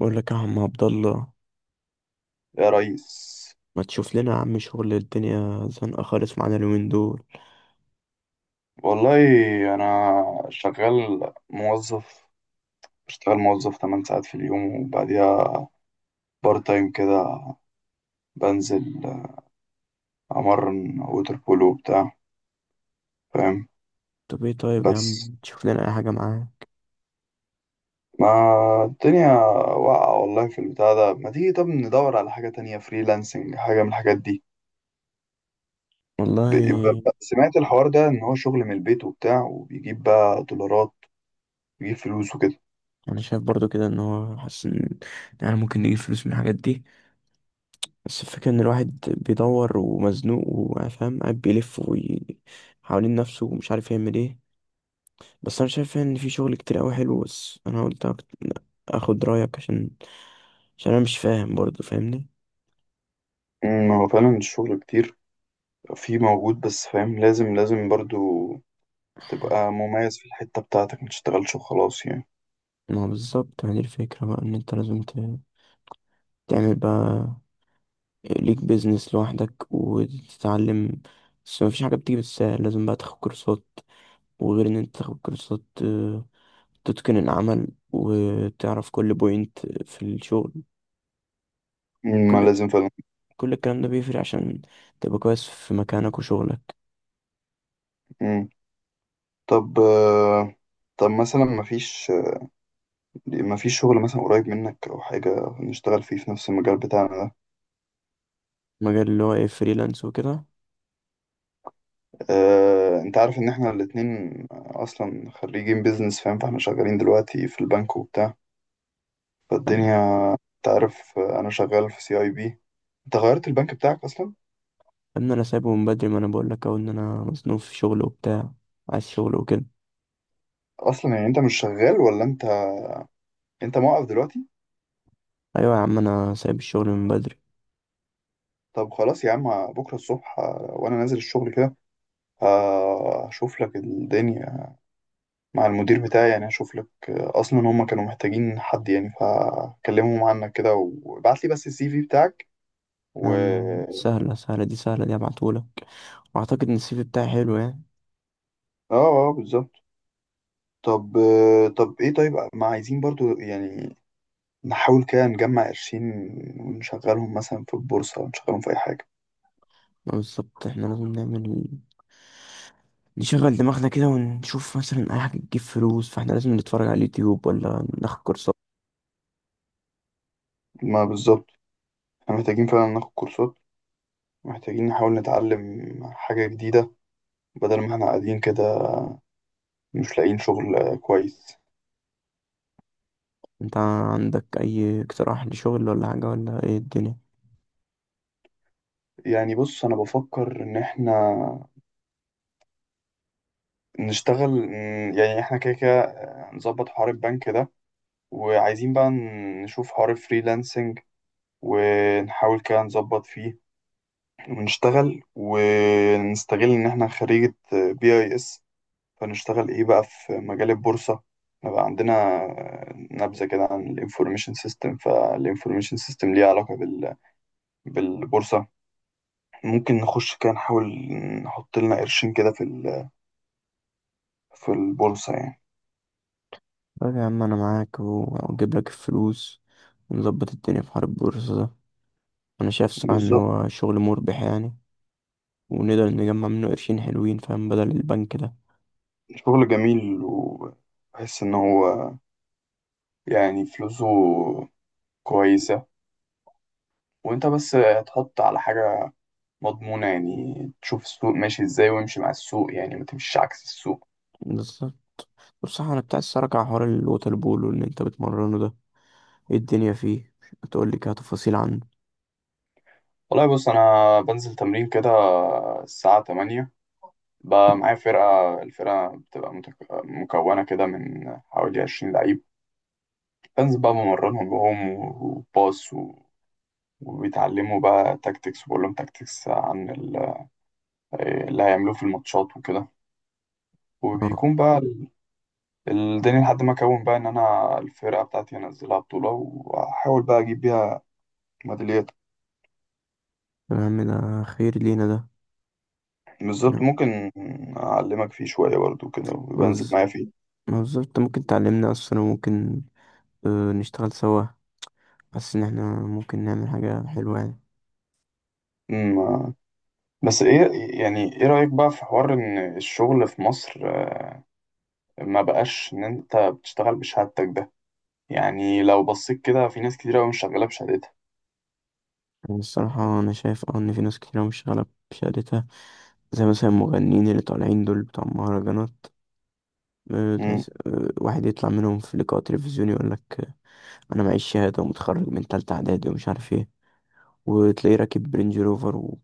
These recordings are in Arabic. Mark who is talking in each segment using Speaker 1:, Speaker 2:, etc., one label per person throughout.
Speaker 1: بقول لك يا عم عبد الله،
Speaker 2: يا ريس.
Speaker 1: ما تشوف لنا يا عم شغل؟ الدنيا زنقة خالص معانا اليومين دول.
Speaker 2: والله أنا شغال موظف، بشتغل موظف 8 ساعات في اليوم وبعديها بارت تايم كده. بنزل أمرن ووتر بولو وبتاع، فاهم.
Speaker 1: طب ايه طيب يا عم،
Speaker 2: بس
Speaker 1: تشوف لنا اي حاجة معاه.
Speaker 2: ما الدنيا واقعة والله في البتاع ده، ما تيجي طب ندور على حاجة تانية، فريلانسنج، حاجة من الحاجات دي.
Speaker 1: والله
Speaker 2: سمعت الحوار ده إن هو شغل من البيت وبتاع، وبيجيب بقى دولارات، بيجيب فلوس وكده.
Speaker 1: انا شايف برضو كده ان هو حاسس ان يعني ممكن نجيب فلوس من الحاجات دي. بس الفكرة ان الواحد بيدور ومزنوق وفاهم، قاعد بيلف حوالين نفسه ومش عارف يعمل ايه. بس انا شايف ان في شغل كتير قوي حلو، بس انا اخد رأيك عشان عشان انا مش فاهم برضو، فاهمني؟
Speaker 2: هو فعلا الشغل كتير في موجود، بس فاهم لازم برضو تبقى مميز في الحتة بتاعتك، ما تشتغلش وخلاص يعني.
Speaker 1: ما بالظبط. يعني الفكرة بقى ان انت تعمل بقى ليك بيزنس لوحدك وتتعلم. بس مفيش حاجة بتيجي بالسهل، لازم بقى تاخد كورسات. وغير ان انت تاخد كورسات، تتقن العمل وتعرف كل بوينت في الشغل.
Speaker 2: ما
Speaker 1: كل
Speaker 2: لازم فعلا.
Speaker 1: كل الكلام ده بيفرق عشان تبقى كويس في مكانك وشغلك.
Speaker 2: مم. طب طب مثلا ما فيش شغل مثلا قريب منك او حاجة نشتغل فيه في نفس المجال بتاعنا ده.
Speaker 1: مجال اللي هو ايه، فريلانس وكده؟
Speaker 2: انت عارف ان احنا الاتنين اصلا خريجين بيزنس، فاهم، فاحنا شغالين دلوقتي في البنك وبتاع، فالدنيا انت عارف، انا شغال في CIB. انت غيرت البنك بتاعك اصلا؟
Speaker 1: ان انا سايبه من بدري، ما انا بقول لك اهو ان انا مصنوف في شغل وبتاع، عايز شغل وكده.
Speaker 2: اصلا يعني انت مش شغال، ولا انت موقف دلوقتي؟
Speaker 1: ايوه يا عم، انا سايب الشغل من بدري.
Speaker 2: طب خلاص يا عم، بكرة الصبح وأنا نازل الشغل كده، هشوف لك الدنيا مع المدير بتاعي. يعني هشوف لك، أصلا هما كانوا محتاجين حد، يعني فكلمهم عنك كده. وابعت لي بس السي في بتاعك
Speaker 1: يا
Speaker 2: و
Speaker 1: عم سهلة، سهلة دي، سهلة دي هبعتهولك. واعتقد ان السي في بتاعي حلو يعني.
Speaker 2: اه، اه، بالظبط. طب طب ايه، طيب ما عايزين برضو يعني نحاول كده نجمع قرشين ونشغلهم مثلا في البورصة، ونشغلهم في أي حاجة.
Speaker 1: ما بالظبط، احنا لازم نعمل، نشغل دماغنا كده ونشوف مثلا اي حاجة تجيب فلوس. فاحنا لازم نتفرج على اليوتيوب ولا ناخد كورسات.
Speaker 2: ما بالظبط، احنا محتاجين فعلا ناخد كورسات، محتاجين نحاول نتعلم حاجة جديدة بدل ما احنا قاعدين كده مش لاقيين شغل كويس.
Speaker 1: انت عندك اي اقتراح لشغل ولا حاجة، ولا ايه الدنيا؟
Speaker 2: يعني بص، انا بفكر ان احنا نشتغل، يعني احنا كده كده نظبط حوار البنك ده، وعايزين بقى نشوف حوار الفريلانسنج، ونحاول كده نظبط فيه. ونشتغل ونستغل ان احنا خريجة BIS، فنشتغل ايه بقى في مجال البورصة، نبقى عندنا نبذة كده عن الانفورميشن سيستم، فالانفورميشن سيستم ليه علاقة بالبورصة. ممكن نخش كده، نحاول نحط لنا قرشين كده في البورصة يعني.
Speaker 1: طيب يا عم، انا معاك واجيب لك الفلوس ونظبط الدنيا في حوار البورصة ده. انا شايف صراحة ان
Speaker 2: بالظبط.
Speaker 1: هو شغل مربح يعني، ونقدر نجمع منه قرشين حلوين، فاهم؟ بدل البنك ده.
Speaker 2: شغل جميل وبحس إن هو يعني فلوسه كويسة، وأنت بس تحط على حاجة مضمونة يعني، تشوف السوق ماشي إزاي وامشي مع السوق، يعني ما تمشيش عكس السوق.
Speaker 1: بالظبط. بصراحة انا بتاع الصراحة، على حوار الوتر بول واللي انت بتمرنه ده، ايه الدنيا فيه؟ تقول لي كده تفاصيل عنه.
Speaker 2: والله بص، أنا بنزل تمرين كده الساعة 8، بقى معايا فرقة، الفرقة بتبقى مكونة كده من حوالي 20 لعيب. بنزل بقى بمرنهم وهم وباص، وبيتعلموا بقى تاكتكس، وبقول لهم تاكتكس اللي هيعملوه في الماتشات وكده.
Speaker 1: اه.
Speaker 2: وبيكون بقى الدنيا، لحد ما اكون بقى ان انا الفرقه بتاعتي انزلها بطوله، واحاول بقى اجيب بيها ميداليات.
Speaker 1: طب يا عم ده خير لينا ده، احنا
Speaker 2: بالظبط، ممكن اعلمك فيه شويه برضو كده، وبنزل
Speaker 1: موز-
Speaker 2: معايا فيه.
Speaker 1: موظف، انت ممكن تعلمنا اصلا، وممكن نشتغل سوا. حاسس ان احنا ممكن نعمل حاجة حلوة يعني.
Speaker 2: أمم، بس ايه، يعني ايه رايك بقى في حوار ان الشغل في مصر ما بقاش ان انت بتشتغل بشهادتك ده؟ يعني لو بصيت كده، في ناس كتير قوي مش شغاله بشهادتها.
Speaker 1: يعني الصراحة انا شايف اه ان في ناس كتير أوي مش شغالة بشهادتها. زي مثلا المغنيين اللي طالعين دول بتوع المهرجانات،
Speaker 2: أمم.
Speaker 1: تحس واحد يطلع منهم في لقاء تلفزيوني يقول لك، انا معيش شهاده ومتخرج من تالتة اعدادي ومش عارف ايه، وتلاقيه راكب رينج روفر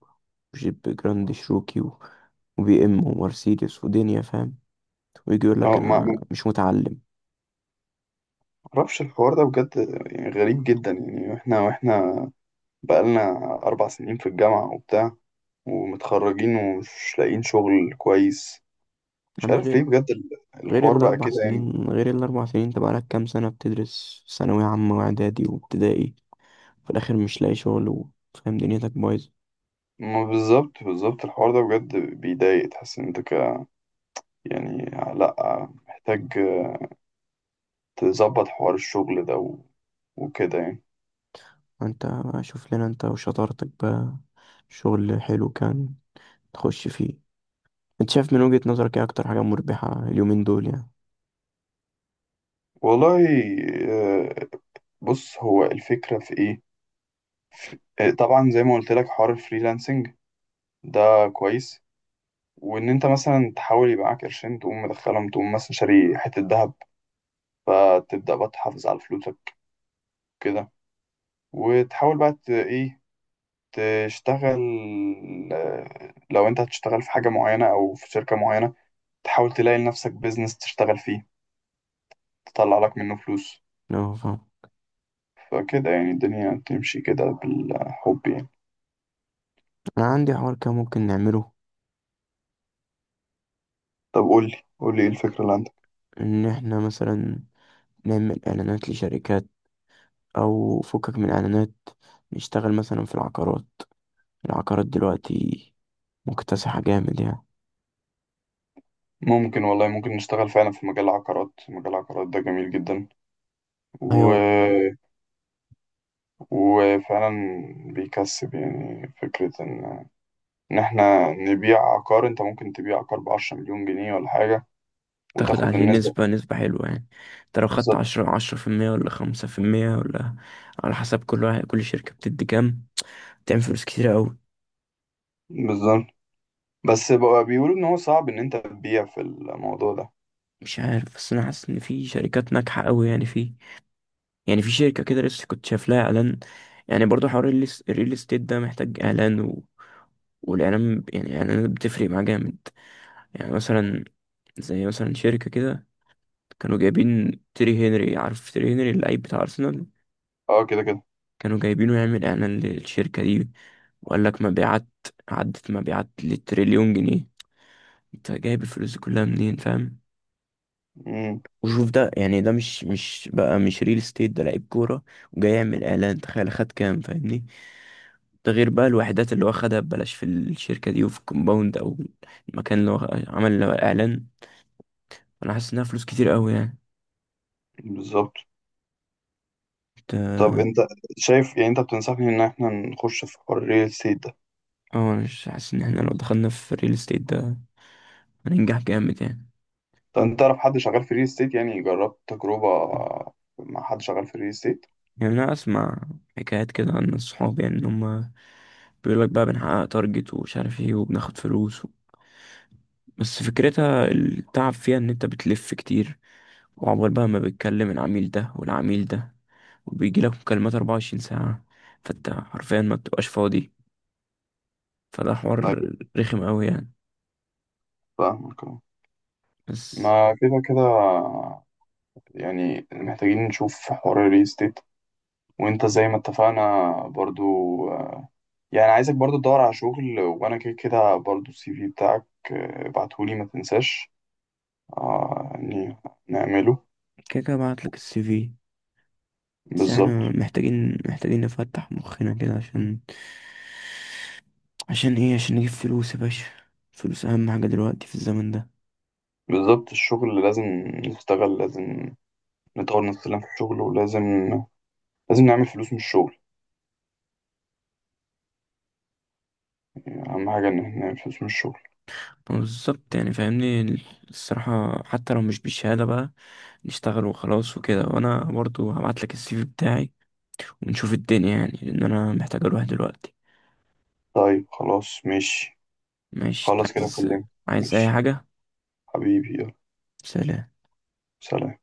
Speaker 1: وجيب جراند شروكي وبي ام ومرسيدس ودنيا، فاهم؟ ويجي يقول لك
Speaker 2: اه، ما
Speaker 1: انا مش متعلم.
Speaker 2: معرفش الحوار ده بجد، يعني غريب جدا. يعني احنا بقالنا 4 سنين في الجامعة وبتاع، ومتخرجين ومش لاقيين شغل كويس.
Speaker 1: يا
Speaker 2: مش
Speaker 1: عم،
Speaker 2: عارف ليه
Speaker 1: غير
Speaker 2: بجد
Speaker 1: غير
Speaker 2: الحوار بقى
Speaker 1: الاربع
Speaker 2: كده يعني.
Speaker 1: سنين انت بقالك كام سنه بتدرس ثانويه عامه واعدادي وابتدائي. في الاخر مش لاقي شغل فاهم، دنيتك بايظه.
Speaker 2: ما بالظبط، بالظبط، الحوار ده بجد بيضايق. تحس ان انت يعني لأ، محتاج تظبط حوار الشغل ده و... وكده يعني.
Speaker 1: انت شوف لنا انت وشطارتك بقى شغل حلو كان تخش فيه. انت شايف من وجهة نظرك ايه اكتر حاجة مربحة اليومين دول يعني؟
Speaker 2: والله، آه، بص هو الفكرة في ايه. طبعا زي ما قلت لك حوار الفريلانسنج ده كويس، وان انت مثلا تحاول يبقى معاك قرشين، تقوم مدخلهم، تقوم مثلا شاري حتة ذهب، فتبدأ بقى تحافظ على فلوسك كده، وتحاول بقى ايه تشتغل. لو انت هتشتغل في حاجة معينة او في شركة معينة، تحاول تلاقي لنفسك بيزنس تشتغل فيه، تطلع لك منه فلوس.
Speaker 1: اه فاهم.
Speaker 2: فكده يعني الدنيا تمشي كده بالحب يعني.
Speaker 1: انا عندي حوار كده ممكن نعمله.
Speaker 2: طب قولي قولي، ايه الفكرة اللي عندك؟
Speaker 1: ان احنا مثلا نعمل اعلانات لشركات، او فكك من اعلانات، نشتغل مثلا في العقارات. العقارات دلوقتي مكتسحة جامد يعني.
Speaker 2: ممكن والله، ممكن نشتغل فعلا في مجال العقارات. مجال العقارات ده جميل
Speaker 1: ايوه،
Speaker 2: جدا. وفعلا بيكسب، يعني فكرة إن إحنا نبيع عقار، أنت ممكن تبيع عقار بعشرة مليون جنيه ولا حاجة،
Speaker 1: تاخد
Speaker 2: وتاخد
Speaker 1: عليه
Speaker 2: النسبة.
Speaker 1: نسبة، نسبة حلوة يعني. انت لو خدت
Speaker 2: بالظبط،
Speaker 1: عشرة، 10% ولا 5%، ولا على حسب كل واحد، كل شركة بتدي كام. تعمل فلوس كتيرة أوي.
Speaker 2: بالظبط. بس بقى بيقولوا إن هو صعب إن أنت تبيع في الموضوع ده.
Speaker 1: مش عارف، بس أنا حاسس إن في شركات ناجحة أوي يعني. فيه يعني في شركة كده لسه كنت شايف لها اعلان. يعني برضو حوار الريل استيت ده محتاج اعلان، والاعلان يعني الاعلانات بتفرق معاه جامد. يعني مثلا، زي مثلا شركة كده، كانوا جايبين تيري هنري. عارف تيري هنري اللعيب بتاع ارسنال؟
Speaker 2: أه كده كده.
Speaker 1: كانوا جايبينه يعمل اعلان للشركة دي، وقال لك مبيعات عدت مبيعات لتريليون جنيه. انت جايب الفلوس دي كلها منين، فاهم؟
Speaker 2: أمم،
Speaker 1: وشوف ده، يعني ده مش بقى، مش ريل استيت، ده لعيب كورة وجاي يعمل اعلان، تخيل خد كام، فاهمني؟ ده غير بقى الوحدات اللي هو خدها ببلاش في الشركة دي وفي الكومباوند أو المكان اللي هو عمل له إعلان. أنا حاسس إنها فلوس كتير أوي يعني.
Speaker 2: بالظبط.
Speaker 1: ت-
Speaker 2: طب أنت شايف، يعني أنت بتنصحني إن إحنا نخش في حوار الريل استيت ده؟
Speaker 1: اه، أنا مش حاسس، إن إحنا لو دخلنا في الريل استيت ده هننجح جامد يعني.
Speaker 2: طب أنت تعرف حد شغال في الريل استيت؟ يعني جربت تجربة مع حد شغال في الريل استيت؟
Speaker 1: يعني أنا أسمع حكايات كده عن الصحاب، يعني إن هما بيقولك بقى بنحقق تارجت ومش عارف إيه وبناخد فلوس بس فكرتها التعب فيها، إن أنت بتلف كتير، وعقبال بقى ما بتكلم العميل ده والعميل ده، وبيجيلك مكالمات 24 ساعة. فأنت حرفيا ما بتبقاش فاضي، فده
Speaker 2: لا.
Speaker 1: حوار رخم قوي يعني.
Speaker 2: فاهمك أه.
Speaker 1: بس
Speaker 2: ما كده كده يعني محتاجين نشوف حوار الريل ستيت. وانت زي ما اتفقنا برضو، آه، يعني عايزك برضو تدور على شغل، وانا كده كده برضو السي في بتاعك، ابعتهولي، ما تنساش، يعني نعمله.
Speaker 1: كده كده بعتلك السي في. بس
Speaker 2: بالظبط،
Speaker 1: احنا محتاجين نفتح مخنا كده عشان، عشان ايه؟ عشان نجيب فلوس يا باشا. فلوس اهم حاجة دلوقتي في الزمن ده.
Speaker 2: بالظبط، الشغل لازم نشتغل، لازم نطور نفسنا في الشغل، ولازم نعمل فلوس من الشغل. يعني اهم حاجة ان احنا نعمل فلوس من الشغل.
Speaker 1: بالظبط يعني، فاهمني؟ الصراحة حتى لو مش بالشهادة بقى، نشتغل وخلاص وكده. وانا برضو هبعتلك السي في بتاعي ونشوف الدنيا، يعني لان انا محتاج اروح دلوقتي.
Speaker 2: طيب خلاص ماشي.
Speaker 1: ماشي،
Speaker 2: خلاص كده
Speaker 1: عايز،
Speaker 2: كلمت.
Speaker 1: عايز اي
Speaker 2: ماشي
Speaker 1: حاجة؟
Speaker 2: حبيبي، يلا
Speaker 1: سلام.
Speaker 2: سلام.